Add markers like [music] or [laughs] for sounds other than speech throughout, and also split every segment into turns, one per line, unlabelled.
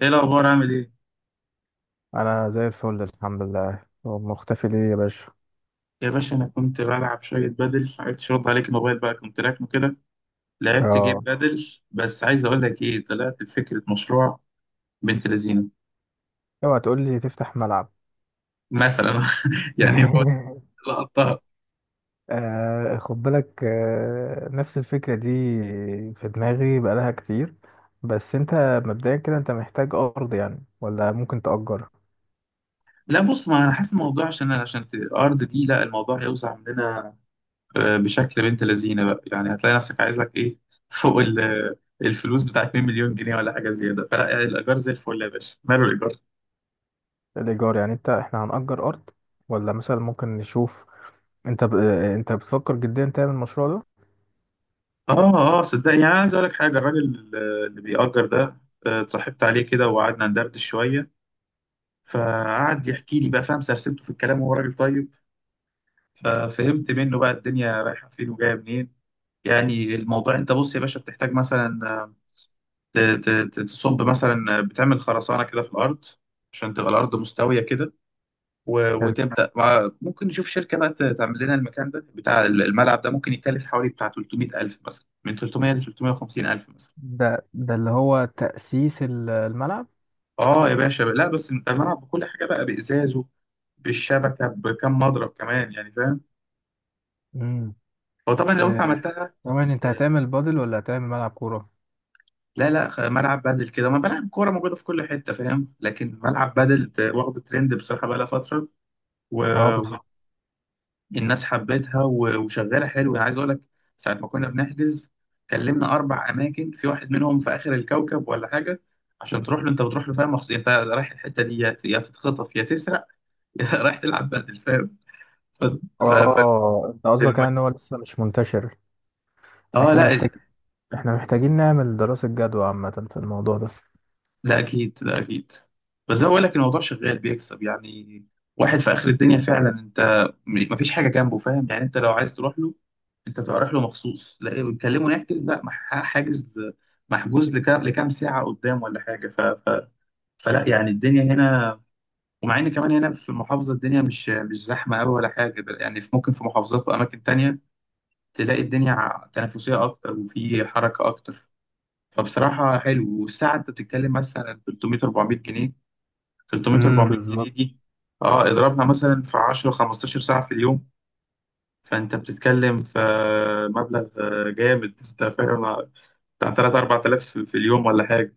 ايه الاخبار؟ عامل ايه
انا زي الفل، الحمد لله. هو مختفي ليه يا باشا؟
يا باشا؟ انا كنت بلعب شويه بدل، عرفتش ارد عليك. الموبايل بقى كنت راكنه كده. لعبت جيم
اه،
بدل، بس عايز اقول لك ايه، طلعت بفكره مشروع بنت لذينه
اوعى تقول لي تفتح ملعب.
مثلا. [laughs] يعني هو
[laughs]
لقطها.
خد بالك، نفس الفكرة دي في دماغي بقالها كتير. بس انت مبدئيا كده انت محتاج ارض يعني، ولا ممكن تأجر؟
لا بص، ما انا حاسس الموضوع عشان ارض دي، لا الموضوع هيوسع مننا. بشكل بنت لذينه بقى، يعني هتلاقي نفسك عايز لك ايه [laughs] فوق الفلوس بتاعت 2 مليون جنيه ولا حاجه زياده. فلا يعني الايجار زي الفل يا باشا، ماله الايجار.
الايجار يعني؟ احنا هنأجر ارض، ولا مثلا ممكن نشوف؟ انت ب... آه، انت بتفكر جديا تعمل المشروع ده؟
اه اه، صدقني يعني أنا عايز اقول لك حاجه. الراجل اللي بيأجر ده، اتصاحبت عليه كده وقعدنا ندردش شويه، فقعد يحكي لي بقى، فاهم، سرسبته في الكلام وهو راجل طيب، ففهمت منه بقى الدنيا رايحه فين وجايه منين. يعني الموضوع انت بص يا باشا، بتحتاج مثلا تصب مثلا، بتعمل خرسانه كده في الارض عشان تبقى الارض مستويه كده.
حلو.
وتبدا ممكن نشوف شركه بقى تعمل لنا المكان ده بتاع الملعب ده. ممكن يكلف حوالي بتاع 300000 مثلا، من 300 ل 350000 مثلا.
ده اللي هو تأسيس الملعب.
اه يا باشا، لا بس انت الملعب بكل حاجه بقى، بازازه، بالشبكه، بكم مضرب كمان، يعني فاهم،
مم.
هو طبعا لو انت
آه،
عملتها.
ثواني، انت هتعمل بادل ولا هتعمل ملعب كورة؟
لا لا، ملعب بدل كده، ما ملعب كوره موجوده في كل حته، فاهم، لكن ملعب بدل واخد ترند بصراحه بقى لها فتره،
اه
والناس
بالظبط.
حبتها وشغاله حلو. انا عايز اقول لك، ساعه ما كنا بنحجز كلمنا اربع اماكن، في واحد منهم في اخر الكوكب ولا حاجه، عشان تروح له انت بتروح له فاهم مخصوص، انت رايح الحته دي يا يا تتخطف يا تسرق [laughs] يا رايح تلعب بدل فاهم. ف... ف...
اه، انت قصدك يعني ان
ف...
هو لسه مش منتشر.
اه
احنا
لا،
محتاج احنا محتاجين نعمل دراسة جدوى عامة في الموضوع ده.
لا اكيد لا اكيد، بس زي ما بقول لك، الموضوع شغال بيكسب يعني. واحد في اخر الدنيا فعلا، انت مفيش حاجه جنبه، فاهم، يعني انت لو عايز تروح له انت تبقى رايح له مخصوص، لا بتكلمه نحجز، لا حاجز محجوز لكام ساعه قدام ولا حاجه. فلا يعني الدنيا هنا، ومع ان كمان هنا في المحافظه الدنيا مش زحمه قوي ولا حاجه، ده يعني في ممكن في محافظات واماكن تانية تلاقي الدنيا تنافسيه اكتر وفي حركه اكتر. فبصراحة حلو. والساعة أنت بتتكلم مثلا 300 400 جنيه، 300
امم،
400 جنيه
بالظبط.
دي أه اضربها مثلا في 10 15 ساعة في اليوم، فأنت بتتكلم في مبلغ جامد أنت فاهم، بتاع 3 4000 في اليوم ولا حاجة،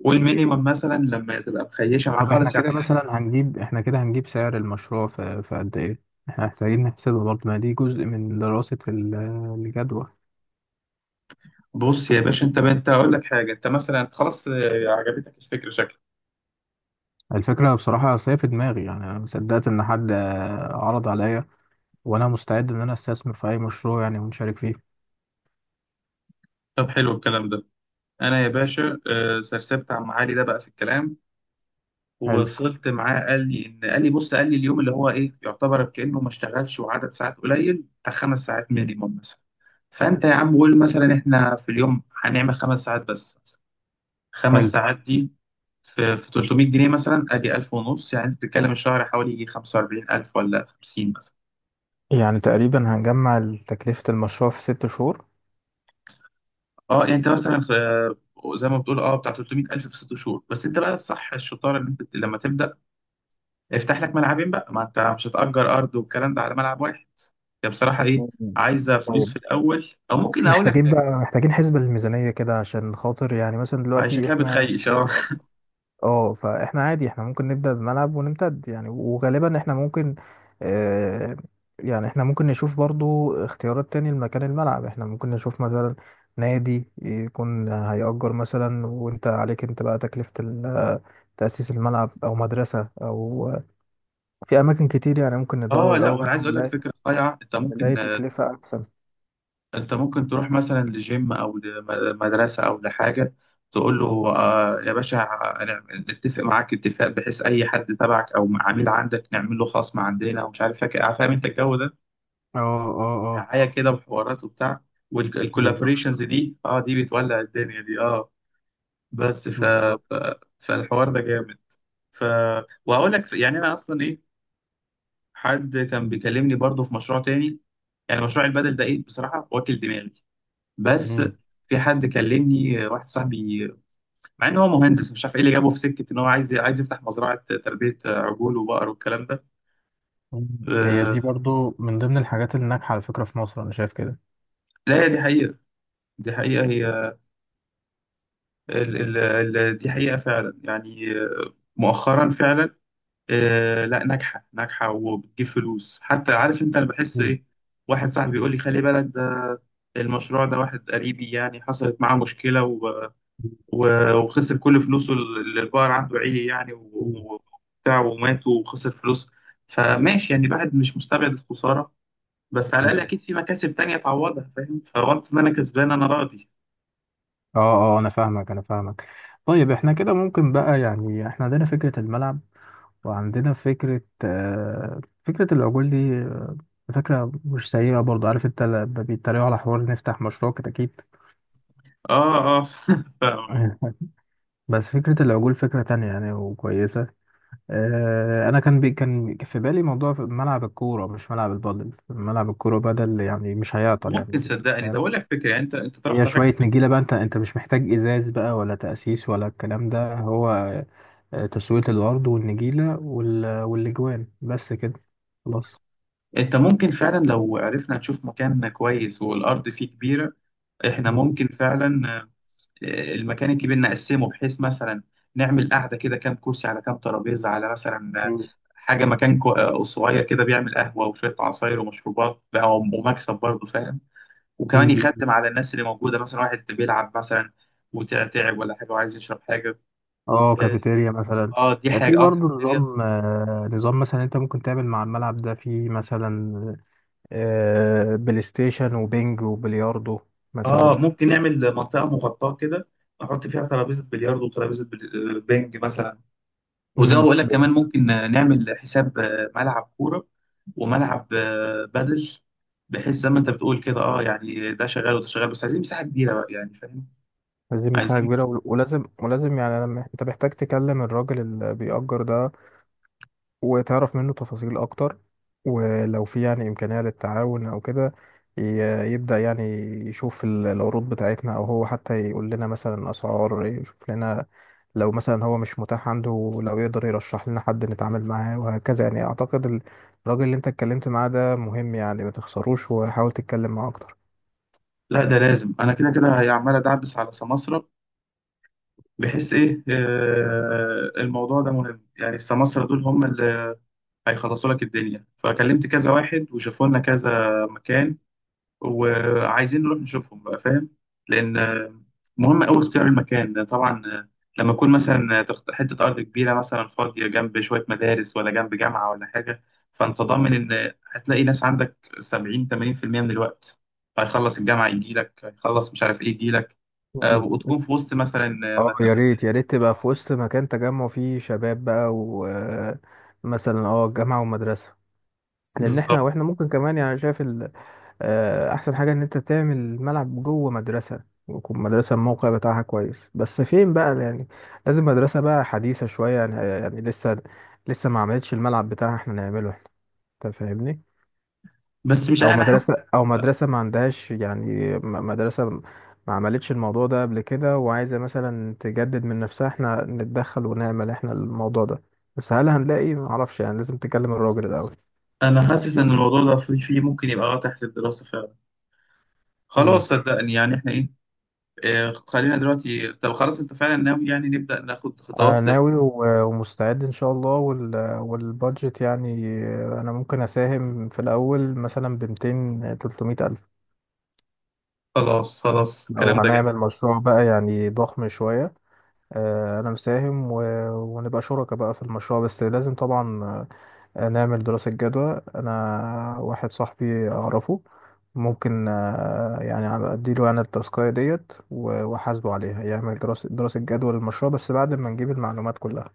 والمينيمم مثلا لما تبقى مخيشة معاك
طب احنا
خالص
كده
يعني.
مثلا هنجيب، احنا كده هنجيب سعر المشروع في قد ايه؟ احنا محتاجين نحسبه برضه، ما دي جزء من دراسة الجدوى.
بص يا باشا، أنت أقول لك حاجة، أنت مثلا خلاص عجبتك الفكرة شكلك.
الفكرة بصراحة، أصل هي في دماغي يعني، أنا ما صدقت إن حد عرض عليا. وأنا مستعد إن أنا أستثمر في أي مشروع يعني ونشارك فيه.
طب حلو الكلام ده. أنا يا باشا، سرسبت عم علي ده بقى في الكلام
حلو،
ووصلت معاه، قال لي ان قال لي بص، قال لي اليوم اللي هو ايه يعتبر كانه ما اشتغلش، وعدد ساعات قليل بتاع خمس ساعات مينيموم مثلا. فانت يا عم قول مثلا احنا في اليوم هنعمل خمس ساعات بس مثلا. خمس
حلو.
ساعات دي في 300 جنيه مثلا ادي 1000 ونص، يعني انت بتتكلم الشهر حوالي يجي 45000 ولا 50 مثلا.
يعني تقريبا هنجمع تكلفة المشروع في ست شهور.
اه يعني انت مثلا، زي ما بتقول اه بتاع 300000 في ست شهور، بس انت بقى الصح الشطاره ان انت لما تبدا افتح لك ملعبين بقى، ما انت مش هتأجر ارض والكلام ده على ملعب واحد. هي بصراحة ايه،
مم.
عايزة فلوس
طيب،
في الاول. او ممكن اقول لك
محتاجين
حاجة،
بقى، حسبة للميزانية كده عشان خاطر يعني مثلا
هي
دلوقتي
شكلها
احنا
بتخيش
هنجيب
اه.
الأرض. اه، فاحنا عادي، احنا ممكن نبدأ بملعب ونمتد يعني. وغالبا اه احنا ممكن نشوف برضو اختيارات تاني لمكان الملعب. احنا ممكن نشوف مثلا نادي يكون هيأجر مثلا، وانت عليك انت بقى تكلفة تأسيس الملعب، أو مدرسة، أو في أماكن كتير يعني. ممكن
[laughs]
ندور
اه، لا
الأول،
وانا
ممكن
عايز اقول لك
نلاقي،
فكرة صايعة. انت ممكن
تكلفة أحسن.
انت ممكن تروح مثلا لجيم او لمدرسة او لحاجة تقول له
مم.
آه يا باشا، أنا نتفق معاك اتفاق بحيث اي حد تبعك او عميل عندك نعمل له خصم عندنا ومش عارف فاكر، فاهم انت الجو ده،
اه، اه. اه
دعاية كده وحوارات وبتاع.
بالظبط،
والكولابوريشنز دي اه، دي بتولع الدنيا دي اه. بس
بالظبط.
ف... فالحوار ده جامد. ف وهقول لك يعني انا اصلا ايه، حد كان بيكلمني برضو في مشروع تاني. يعني مشروع البدل ده ايه بصراحه واكل دماغي، بس
مم.
في حد كلمني، واحد صاحبي، مع ان هو مهندس مش عارف ايه اللي جابه في سكه، ان هو عايز يفتح مزرعه تربيه عجول وبقر والكلام ده.
مم. هي دي
آه،
برضو من ضمن الحاجات اللي ناجحة على فكرة في مصر، أنا شايف كده.
لا هي دي حقيقه، دي حقيقه هي، دي حقيقه فعلا. يعني مؤخرا فعلا آه، لا ناجحة ناجحة وبتجيب فلوس حتى، عارف انت انا بحس
مم.
ايه، واحد صاحبي بيقول لي خلي بالك ده المشروع ده، واحد قريبي يعني حصلت معاه مشكلة و... وخسر كل فلوسه، اللي البقر عنده عيه يعني
مم.
وبتاع ومات، وخسر فلوس. فماشي يعني، الواحد مش مستبعد الخسارة، بس على الأقل
مم.
أكيد في مكاسب تانية تعوضها، فاهم، فوانس إن أنا كسبان أنا راضي.
اه، اه. أنا فاهمك، أنا فاهمك. طيب، احنا كده ممكن بقى يعني احنا عندنا فكرة الملعب، وعندنا فكرة، آه، فكرة العجول دي. فكرة مش سيئة برضو. عارف انت لما بيتريقوا على حوار نفتح مشروع كتاكيت؟
اه اه. [laughs]
[laughs] بس فكرة العجول فكرة تانية يعني وكويسة. انا كان في بالي موضوع في ملعب الكوره، مش ملعب البادل، ملعب الكوره بدل يعني، مش هيعطل
فممكن
يعني.
صدقني ده
فاهم؟
أقول لك فكرة، يعني أنت
هي
طرحت حاجة.
شويه نجيله بقى، انت مش محتاج ازاز بقى، ولا تاسيس ولا الكلام ده. هو تسويه الارض والنجيله وال والاجوان، بس كده. خلاص.
انت ممكن فعلا لو عرفنا نشوف مكان كويس والارض فيه كبيره احنا
[laughs] مم.
ممكن فعلا المكان الكبير نقسمه بحيث مثلا نعمل قعده كده، كام كرسي على كام ترابيزه، على مثلا
مم.
حاجه مكان صغير كده بيعمل قهوه وشويه عصاير ومشروبات بقى، ومكسب برضه فاهم، وكمان
مم.
يخدم على الناس اللي موجوده، مثلا واحد بيلعب مثلا وتعب ولا حاجه وعايز يشرب حاجه.
اه،
اه،
كافيتيريا مثلا.
دي
في
حاجه اه،
برضه
كافيتيريا.
نظام، مثلا انت ممكن تعمل مع الملعب ده في مثلا، آه، بلاي ستيشن وبينج وبلياردو
اه
مثلا.
ممكن نعمل منطقه مغطاه كده نحط فيها ترابيزه بلياردو وترابيزه بنج مثلا. وزي ما
امم.
بقول لك، كمان ممكن نعمل حساب ملعب كوره وملعب بدل، بحيث زي ما انت بتقول كده اه، يعني ده شغال وده شغال، بس عايزين مساحه كبيره بقى، يعني فاهم،
عايزين مساحة
عايزين.
كبيرة، ولازم، يعني لما انت محتاج تكلم الراجل اللي بيأجر ده وتعرف منه تفاصيل أكتر، ولو في يعني إمكانية للتعاون أو كده، يبدأ يعني، يشوف العروض بتاعتنا، أو هو حتى يقول لنا مثلا أسعار، يشوف لنا لو مثلا هو مش متاح عنده، لو يقدر يرشح لنا حد نتعامل معاه، وهكذا يعني. أعتقد الراجل اللي انت اتكلمت معاه ده مهم يعني، ما تخسروش، وحاول تتكلم معاه أكتر.
لا ده لازم، انا كده كده هي عمال ادعبس على سماسرة، بحيث ايه آه، الموضوع ده مهم يعني، السماسرة دول هم اللي هيخلصوا لك الدنيا. فكلمت كذا واحد وشافوا لنا كذا مكان، وعايزين نروح نشوفهم بقى فاهم. لان مهم قوي اختيار المكان طبعا، لما يكون مثلا حته ارض كبيره مثلا فاضيه جنب شويه مدارس ولا جنب جامعه ولا حاجه، فانت ضامن ان هتلاقي ناس عندك 70 80% من الوقت. هيخلص الجامعه يجي لك، هيخلص مش عارف ايه يجي لك.
مم.
وتكون في وسط مثلا آه،
اه
مد-
يا
مس-
ريت، يا ريت تبقى
آه،
في وسط مكان تجمع فيه شباب بقى، ومثلا اه جامعة ومدرسة. لان
بالظبط.
احنا، واحنا ممكن كمان يعني، شايف احسن حاجة ان انت تعمل ملعب جوه مدرسة، ويكون مدرسة الموقع بتاعها كويس. بس فين بقى يعني؟ لازم مدرسة بقى حديثة شوية يعني، يعني لسه، ما عملتش الملعب بتاعها، احنا نعمله احنا. انت فاهمني؟
بس مش،
او
انا حاسس،
مدرسه، او مدرسه ما عندهاش يعني، مدرسه ما عملتش الموضوع ده قبل كده، وعايزه مثلا تجدد من نفسها، احنا نتدخل ونعمل احنا الموضوع ده. بس هل هنلاقي؟ ما اعرفش يعني، لازم تكلم الراجل الاول.
انا حاسس ان الموضوع ده في ممكن يبقى آه تحت الدراسه فعلا.
امم.
خلاص صدقني يعني احنا ايه، خلينا دلوقتي. طب خلاص انت فعلا ناوي يعني نبدأ ناخد
انا
خطوات.
ناوي ومستعد ان شاء الله. والبادجت يعني، انا ممكن اساهم في الاول مثلا ب 200 300 الف،
خلاص خلاص،
لو
الكلام ده جميل.
هنعمل مشروع بقى يعني ضخم شويه. انا مساهم، ونبقى شركاء بقى في المشروع. بس لازم طبعا نعمل دراسة جدوى. أنا واحد صاحبي أعرفه، ممكن، يعني أديله أنا التاسكاية ديت وأحاسبه عليها، يعمل دراسة، جدوى للمشروع، بس بعد ما نجيب المعلومات كلها.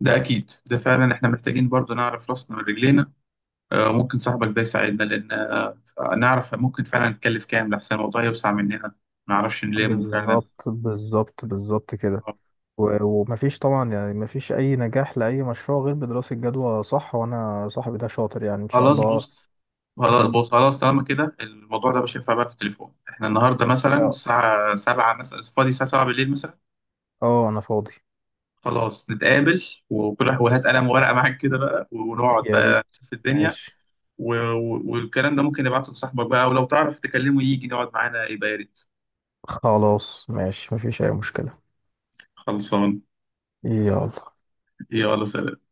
ده اكيد، ده فعلا احنا محتاجين برضو نعرف راسنا من رجلينا. ممكن صاحبك ده يساعدنا، لان نعرف ممكن فعلا نتكلف كام، لحسن الموضوع يوسع مننا ما نعرفش نلمه فعلا.
بالظبط، بالظبط، بالظبط كده. ومفيش طبعا يعني، مفيش أي نجاح لأي مشروع غير بدراسة جدوى، صح؟ وأنا صاحبي ده شاطر يعني إن شاء
خلاص
الله.
بص خلاص
مم.
بص خلاص طالما كده الموضوع ده مش هينفع بقى في التليفون. احنا النهارده مثلا
اه.
الساعة 7 مثلا، فاضي الساعة 7 بالليل مثلا.
أنا فاضي.
خلاص نتقابل، وكل واحد وهات قلم وورقة معاك كده بقى ونقعد
يا
بقى
ريت.
في الدنيا.
ماشي.
والكلام ده ممكن نبعته لصاحبك بقى، ولو تعرف تكلمه يجي يقعد معانا يبقى يا ريت.
خلاص ماشي، مفيش أي مشكلة.
خلصان.
يلا.
يلا سلام.